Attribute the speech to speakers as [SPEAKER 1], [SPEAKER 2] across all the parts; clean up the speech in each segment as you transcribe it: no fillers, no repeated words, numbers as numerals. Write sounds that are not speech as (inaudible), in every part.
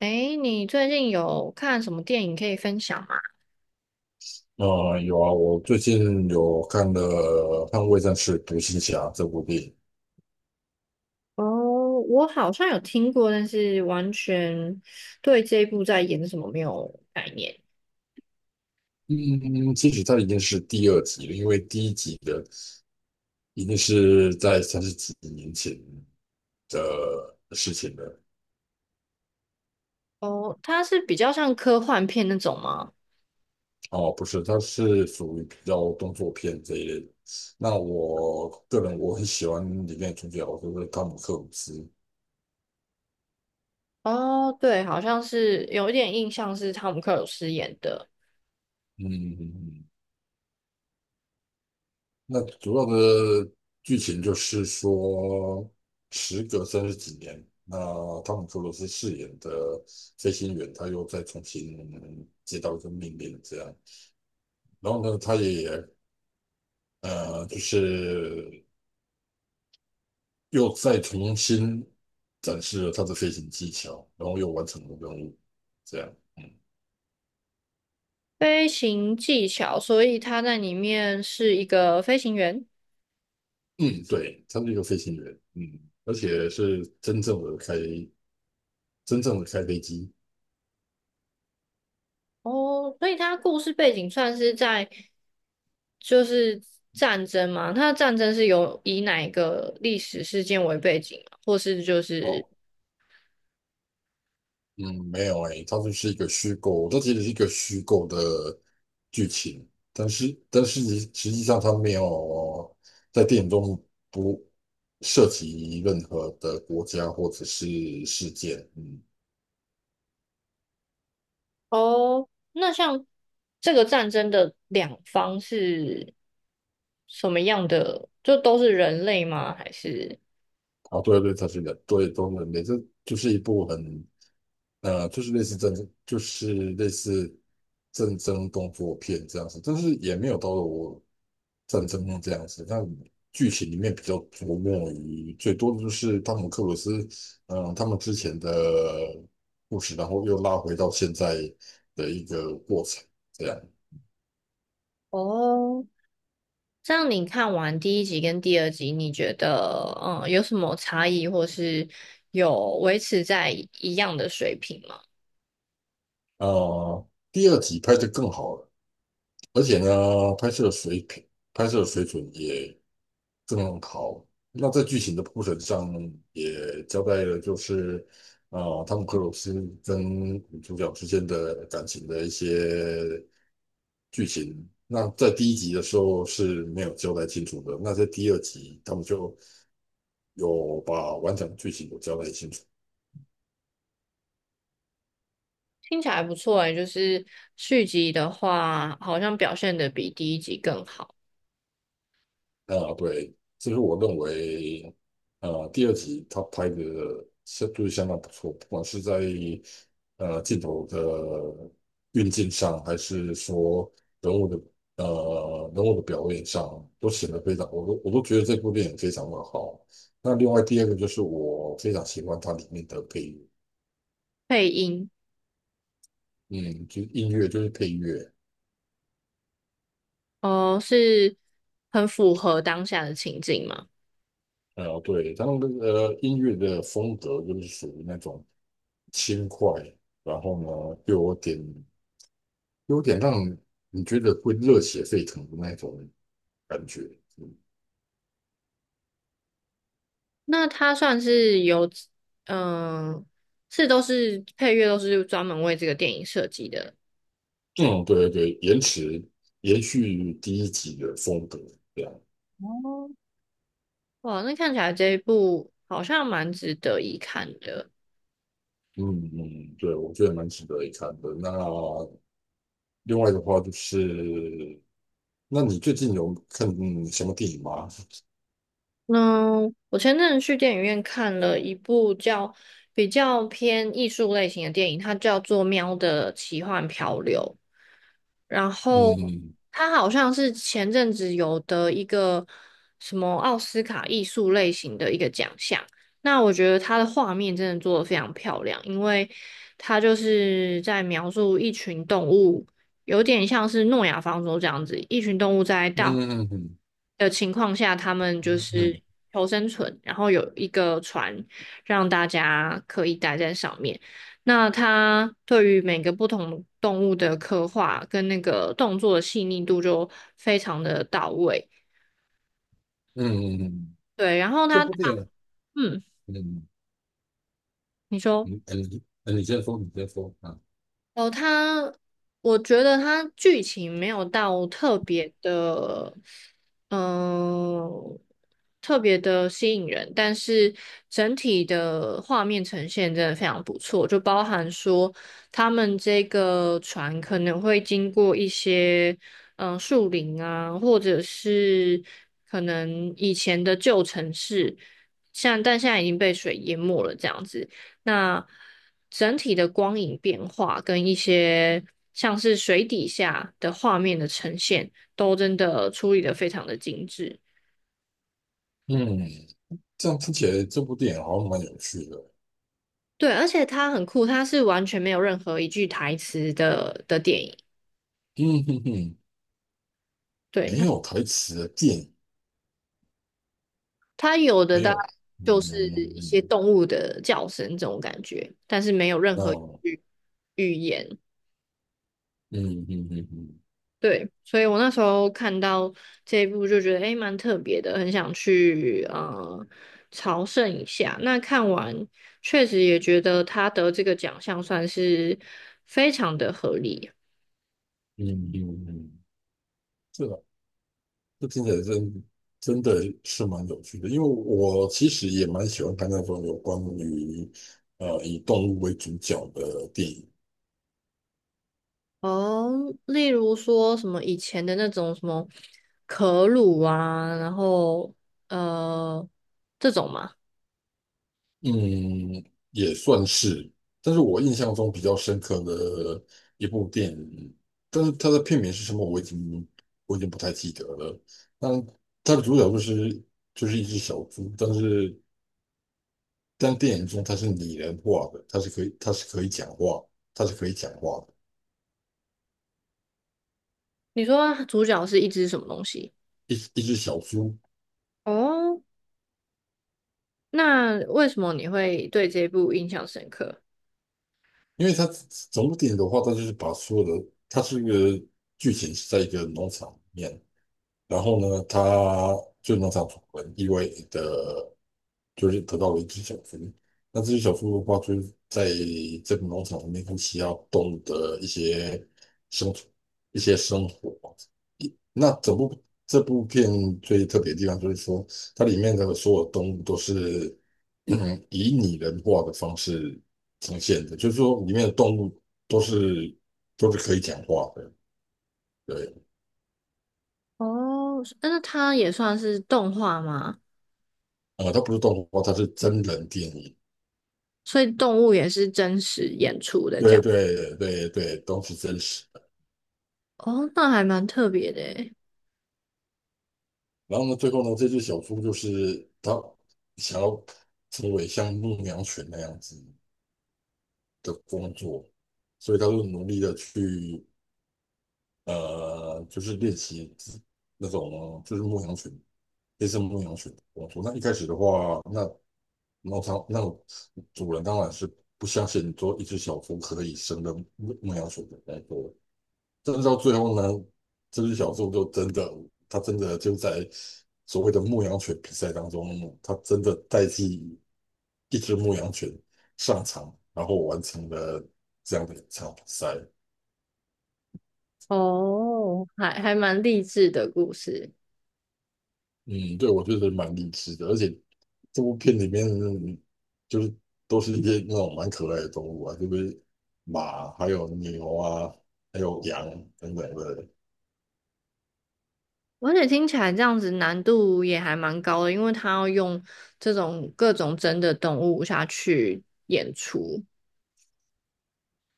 [SPEAKER 1] 诶，你最近有看什么电影可以分享吗？
[SPEAKER 2] 有啊，我最近有看了《捍卫战士：独行侠》这部电影。
[SPEAKER 1] 哦，我好像有听过，但是完全对这一部在演什么没有概念。
[SPEAKER 2] 嗯，嗯,其实它已经是第二集了，因为第一集的已经是在三十几年前的事情了。
[SPEAKER 1] 哦，它是比较像科幻片那种吗？
[SPEAKER 2] 哦，不是，它是属于比较动作片这一类的。那我个人很喜欢里面的主角，就是汤姆克鲁斯。
[SPEAKER 1] 哦，对，好像是有一点印象是汤姆克鲁斯演的
[SPEAKER 2] 嗯，嗯嗯那主要的剧情就是说，时隔三十几年，那汤姆·克鲁斯饰演的飞行员，他又再重新接到一个命令，这样。然后呢，他也就是又再重新展示了他的飞行技巧，然后又完成了任务，这样。
[SPEAKER 1] 《飞行技巧》，所以他在里面是一个飞行员。
[SPEAKER 2] 嗯，对，他是一个飞行员，嗯，而且是真正的开飞机。
[SPEAKER 1] 哦，所以它故事背景算是在就是战争嘛？它的战争是有以哪一个历史事件为背景吗？或是就是
[SPEAKER 2] 哦。嗯，没有诶、它就是一个虚构，它其实是一个虚构的剧情，但是实实际上它没有在电影中不涉及任何的国家或者是事件，嗯，
[SPEAKER 1] 哦，那像这个战争的两方是什么样的？就都是人类吗？还是
[SPEAKER 2] 啊，对对，它是人，对，都人类，这就是一部很就是类似战争，就是类似战争动作片这样子，但是也没有到了我战争片这样子。但剧情里面比较琢磨于最多的就是汤姆克鲁斯，嗯，他们之前的故事，然后又拉回到现在的一个过程这样。
[SPEAKER 1] 哦？这样你看完第一集跟第二集，你觉得嗯有什么差异，或是有维持在一样的水平吗？
[SPEAKER 2] 呃，第二集拍得更好了。而且呢，拍摄水平、拍摄水准也更好。那在剧情的铺陈上也交代了，就是汤姆克鲁斯跟女主角之间的感情的一些剧情。那在第一集的时候是没有交代清楚的，那在第二集他们就有把完整的剧情有交代清楚。
[SPEAKER 1] 听起来不错诶，就是续集的话，好像表现的比第一集更好。
[SPEAKER 2] 啊，对，这是我认为，第二集他拍的相当不错，不管是在镜头的运镜上，还是说人物的人物的表演上，都显得非常，我都觉得这部电影非常的好。那另外第二个就是我非常喜欢它里面的配乐，
[SPEAKER 1] 配音
[SPEAKER 2] 嗯，就是音乐就是配乐，
[SPEAKER 1] 哦，是很符合当下的情境嘛？
[SPEAKER 2] 对，它那个音乐的风格就是属于那种轻快。然后呢，又有点让你觉得会热血沸腾的那种感觉。嗯，
[SPEAKER 1] 那它算是有，嗯、是都是配乐都是专门为这个电影设计的。
[SPEAKER 2] 嗯对对对，延续第一集的风格，这样，
[SPEAKER 1] 哇，那看起来这一部好像蛮值得一看的。
[SPEAKER 2] 嗯嗯，对，我觉得蛮值得一看的。那另外的话就是，那你最近有看什么电影吗？
[SPEAKER 1] 嗯，我前阵子去电影院看了一部叫比较偏艺术类型的电影，它叫做《喵的奇幻漂流》。然后
[SPEAKER 2] 嗯
[SPEAKER 1] 他好像是前阵子有得一个什么奥斯卡艺术类型的一个奖项。那我觉得他的画面真的做的非常漂亮，因为他就是在描述一群动物，有点像是诺亚方舟这样子，一群动物在
[SPEAKER 2] 嗯
[SPEAKER 1] 大
[SPEAKER 2] 嗯嗯
[SPEAKER 1] 的情况下，他们就是
[SPEAKER 2] 嗯
[SPEAKER 1] 求生存，然后有一个船让大家可以待在上面。那他对于每个不同动物的刻画跟那个动作的细腻度就非常的到位。
[SPEAKER 2] 嗯，嗯，
[SPEAKER 1] 对，然后
[SPEAKER 2] 这
[SPEAKER 1] 他，
[SPEAKER 2] 部电影，
[SPEAKER 1] 嗯，
[SPEAKER 2] 嗯
[SPEAKER 1] 你说。
[SPEAKER 2] 嗯，哎你先说，你先说啊。
[SPEAKER 1] 哦，它，我觉得它剧情没有到特别的，嗯、特别的吸引人，但是整体的画面呈现真的非常不错，就包含说他们这个船可能会经过一些，嗯、树林啊，或者是可能以前的旧城市，像但现在已经被水淹没了这样子。那整体的光影变化跟一些像是水底下的画面的呈现，都真的处理的非常的精致。
[SPEAKER 2] 嗯，这样听起来这部电影好像蛮有趣的。
[SPEAKER 1] 对，而且它很酷，它是完全没有任何一句台词的的电影。
[SPEAKER 2] 嗯哼哼，
[SPEAKER 1] 对，
[SPEAKER 2] 没
[SPEAKER 1] 它
[SPEAKER 2] 有台词的电影，
[SPEAKER 1] 它有的
[SPEAKER 2] 没
[SPEAKER 1] 大概
[SPEAKER 2] 有。
[SPEAKER 1] 就
[SPEAKER 2] 嗯
[SPEAKER 1] 是
[SPEAKER 2] 嗯
[SPEAKER 1] 一些
[SPEAKER 2] 嗯，
[SPEAKER 1] 动物的叫声这种感觉，但是没有任
[SPEAKER 2] 嗯
[SPEAKER 1] 何
[SPEAKER 2] 哦，
[SPEAKER 1] 语言。
[SPEAKER 2] 嗯嗯嗯嗯
[SPEAKER 1] 对，所以我那时候看到这一部就觉得诶蛮特别的，很想去朝圣一下。那看完确实也觉得他得这个奖项算是非常的合理
[SPEAKER 2] 嗯嗯嗯，这个这听起来真的是蛮有趣的，因为我其实也蛮喜欢看那种有关于以动物为主角的电影。
[SPEAKER 1] 哦。例如说什么以前的那种什么可鲁啊，然后呃这种嘛，
[SPEAKER 2] 嗯，也算是，但是我印象中比较深刻的一部电影，但是它的片名是什么，我已经不太记得了。但它的主角就是一只小猪，但是但电影中它是拟人化的，它是可以讲话，它是可以讲话的，
[SPEAKER 1] 你说主角是一只什么东西？
[SPEAKER 2] 一只小猪。
[SPEAKER 1] 哦，那为什么你会对这部印象深刻？
[SPEAKER 2] 因为它整部电影的话，它就是把所有的，它是一个剧情是在一个农场里面，然后呢，它就农场主人意外的。就是得到了一只小猪。那这只小猪的话，就是在这个农场里面会需要动物的一些生存、一些生活。那整部这部片最特别的地方就是说，它里面的所有动物都是嗯以拟人化的方式呈现的，就是说里面的动物都是都是可以讲话的，对，
[SPEAKER 1] 哦，但是那它也算是动画吗？
[SPEAKER 2] 它不是动画，它是真人电影，
[SPEAKER 1] 所以动物也是真实演出的这
[SPEAKER 2] 对
[SPEAKER 1] 样。
[SPEAKER 2] 对对对，都是真实。
[SPEAKER 1] 哦，那还蛮特别的诶。
[SPEAKER 2] 然后呢，最后呢，这只小猪就是它想要成为像牧羊犬那样子的工作，所以它就努力的去就是练习那种就是牧羊犬，类似牧羊犬的工作。那一开始的话，那猫场那主人当然是不相信说一只小猪可以胜任牧羊犬的工作，但是到最后呢，这只小猪就真的，它真的就在所谓的牧羊犬比赛当中，它真的代替一只牧羊犬上场，然后完成了这样的一场比赛。
[SPEAKER 1] 哦，还还蛮励志的故事，
[SPEAKER 2] 嗯，对，我觉得蛮励志的，而且这部片里面就是都是一些那种蛮可爱的动物啊，就是马，还有牛啊，还有羊等等的。
[SPEAKER 1] 而且听起来这样子难度也还蛮高的，因为它要用这种各种真的动物下去演出。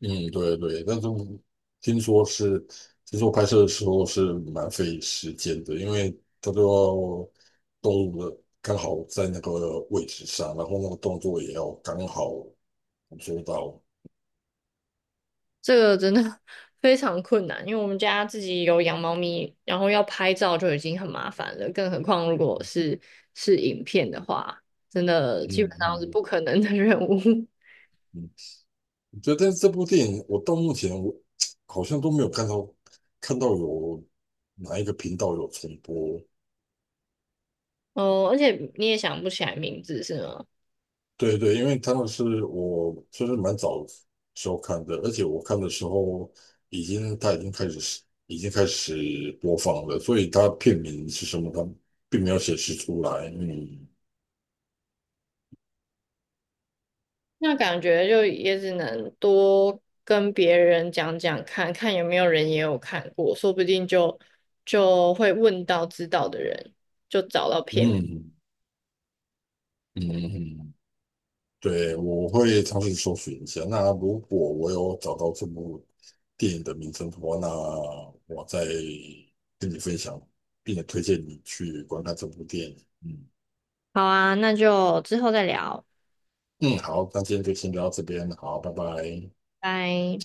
[SPEAKER 2] 嗯，对对，但是听说是，听说拍摄的时候是蛮费时间的，因为他都要动物的刚好在那个位置上，然后那个动作也要刚好捕捉到。
[SPEAKER 1] 这个真的 (laughs) 非常困难，因为我们家自己有养猫咪，然后要拍照就已经很麻烦了，更何况如果是是影片的话，真的基
[SPEAKER 2] 嗯
[SPEAKER 1] 本上是
[SPEAKER 2] 嗯
[SPEAKER 1] 不可能的任务。(laughs)
[SPEAKER 2] 嗯，觉得这部电影我到目前我 (tsk) 好像都没有看到有哪一个频道有重播，
[SPEAKER 1] 哦，而且你也想不起来名字是吗？
[SPEAKER 2] 对对，因为他们是我就是蛮早时候看的，而且我看的时候已经他已经开始播放了，所以他片名是什么，他并没有显示出来。嗯
[SPEAKER 1] 那感觉就也只能多跟别人讲讲看，看有没有人也有看过，说不定就会问到知道的人，就找到片。
[SPEAKER 2] 嗯嗯，嗯对，我会尝试搜寻一下。那如果我有找到这部电影的名称的话，那我再跟你分享，并且推荐你去观看这部电影。嗯
[SPEAKER 1] 好啊，那就之后再聊，
[SPEAKER 2] 嗯，好，那今天就先聊到这边，好，拜拜。
[SPEAKER 1] 拜。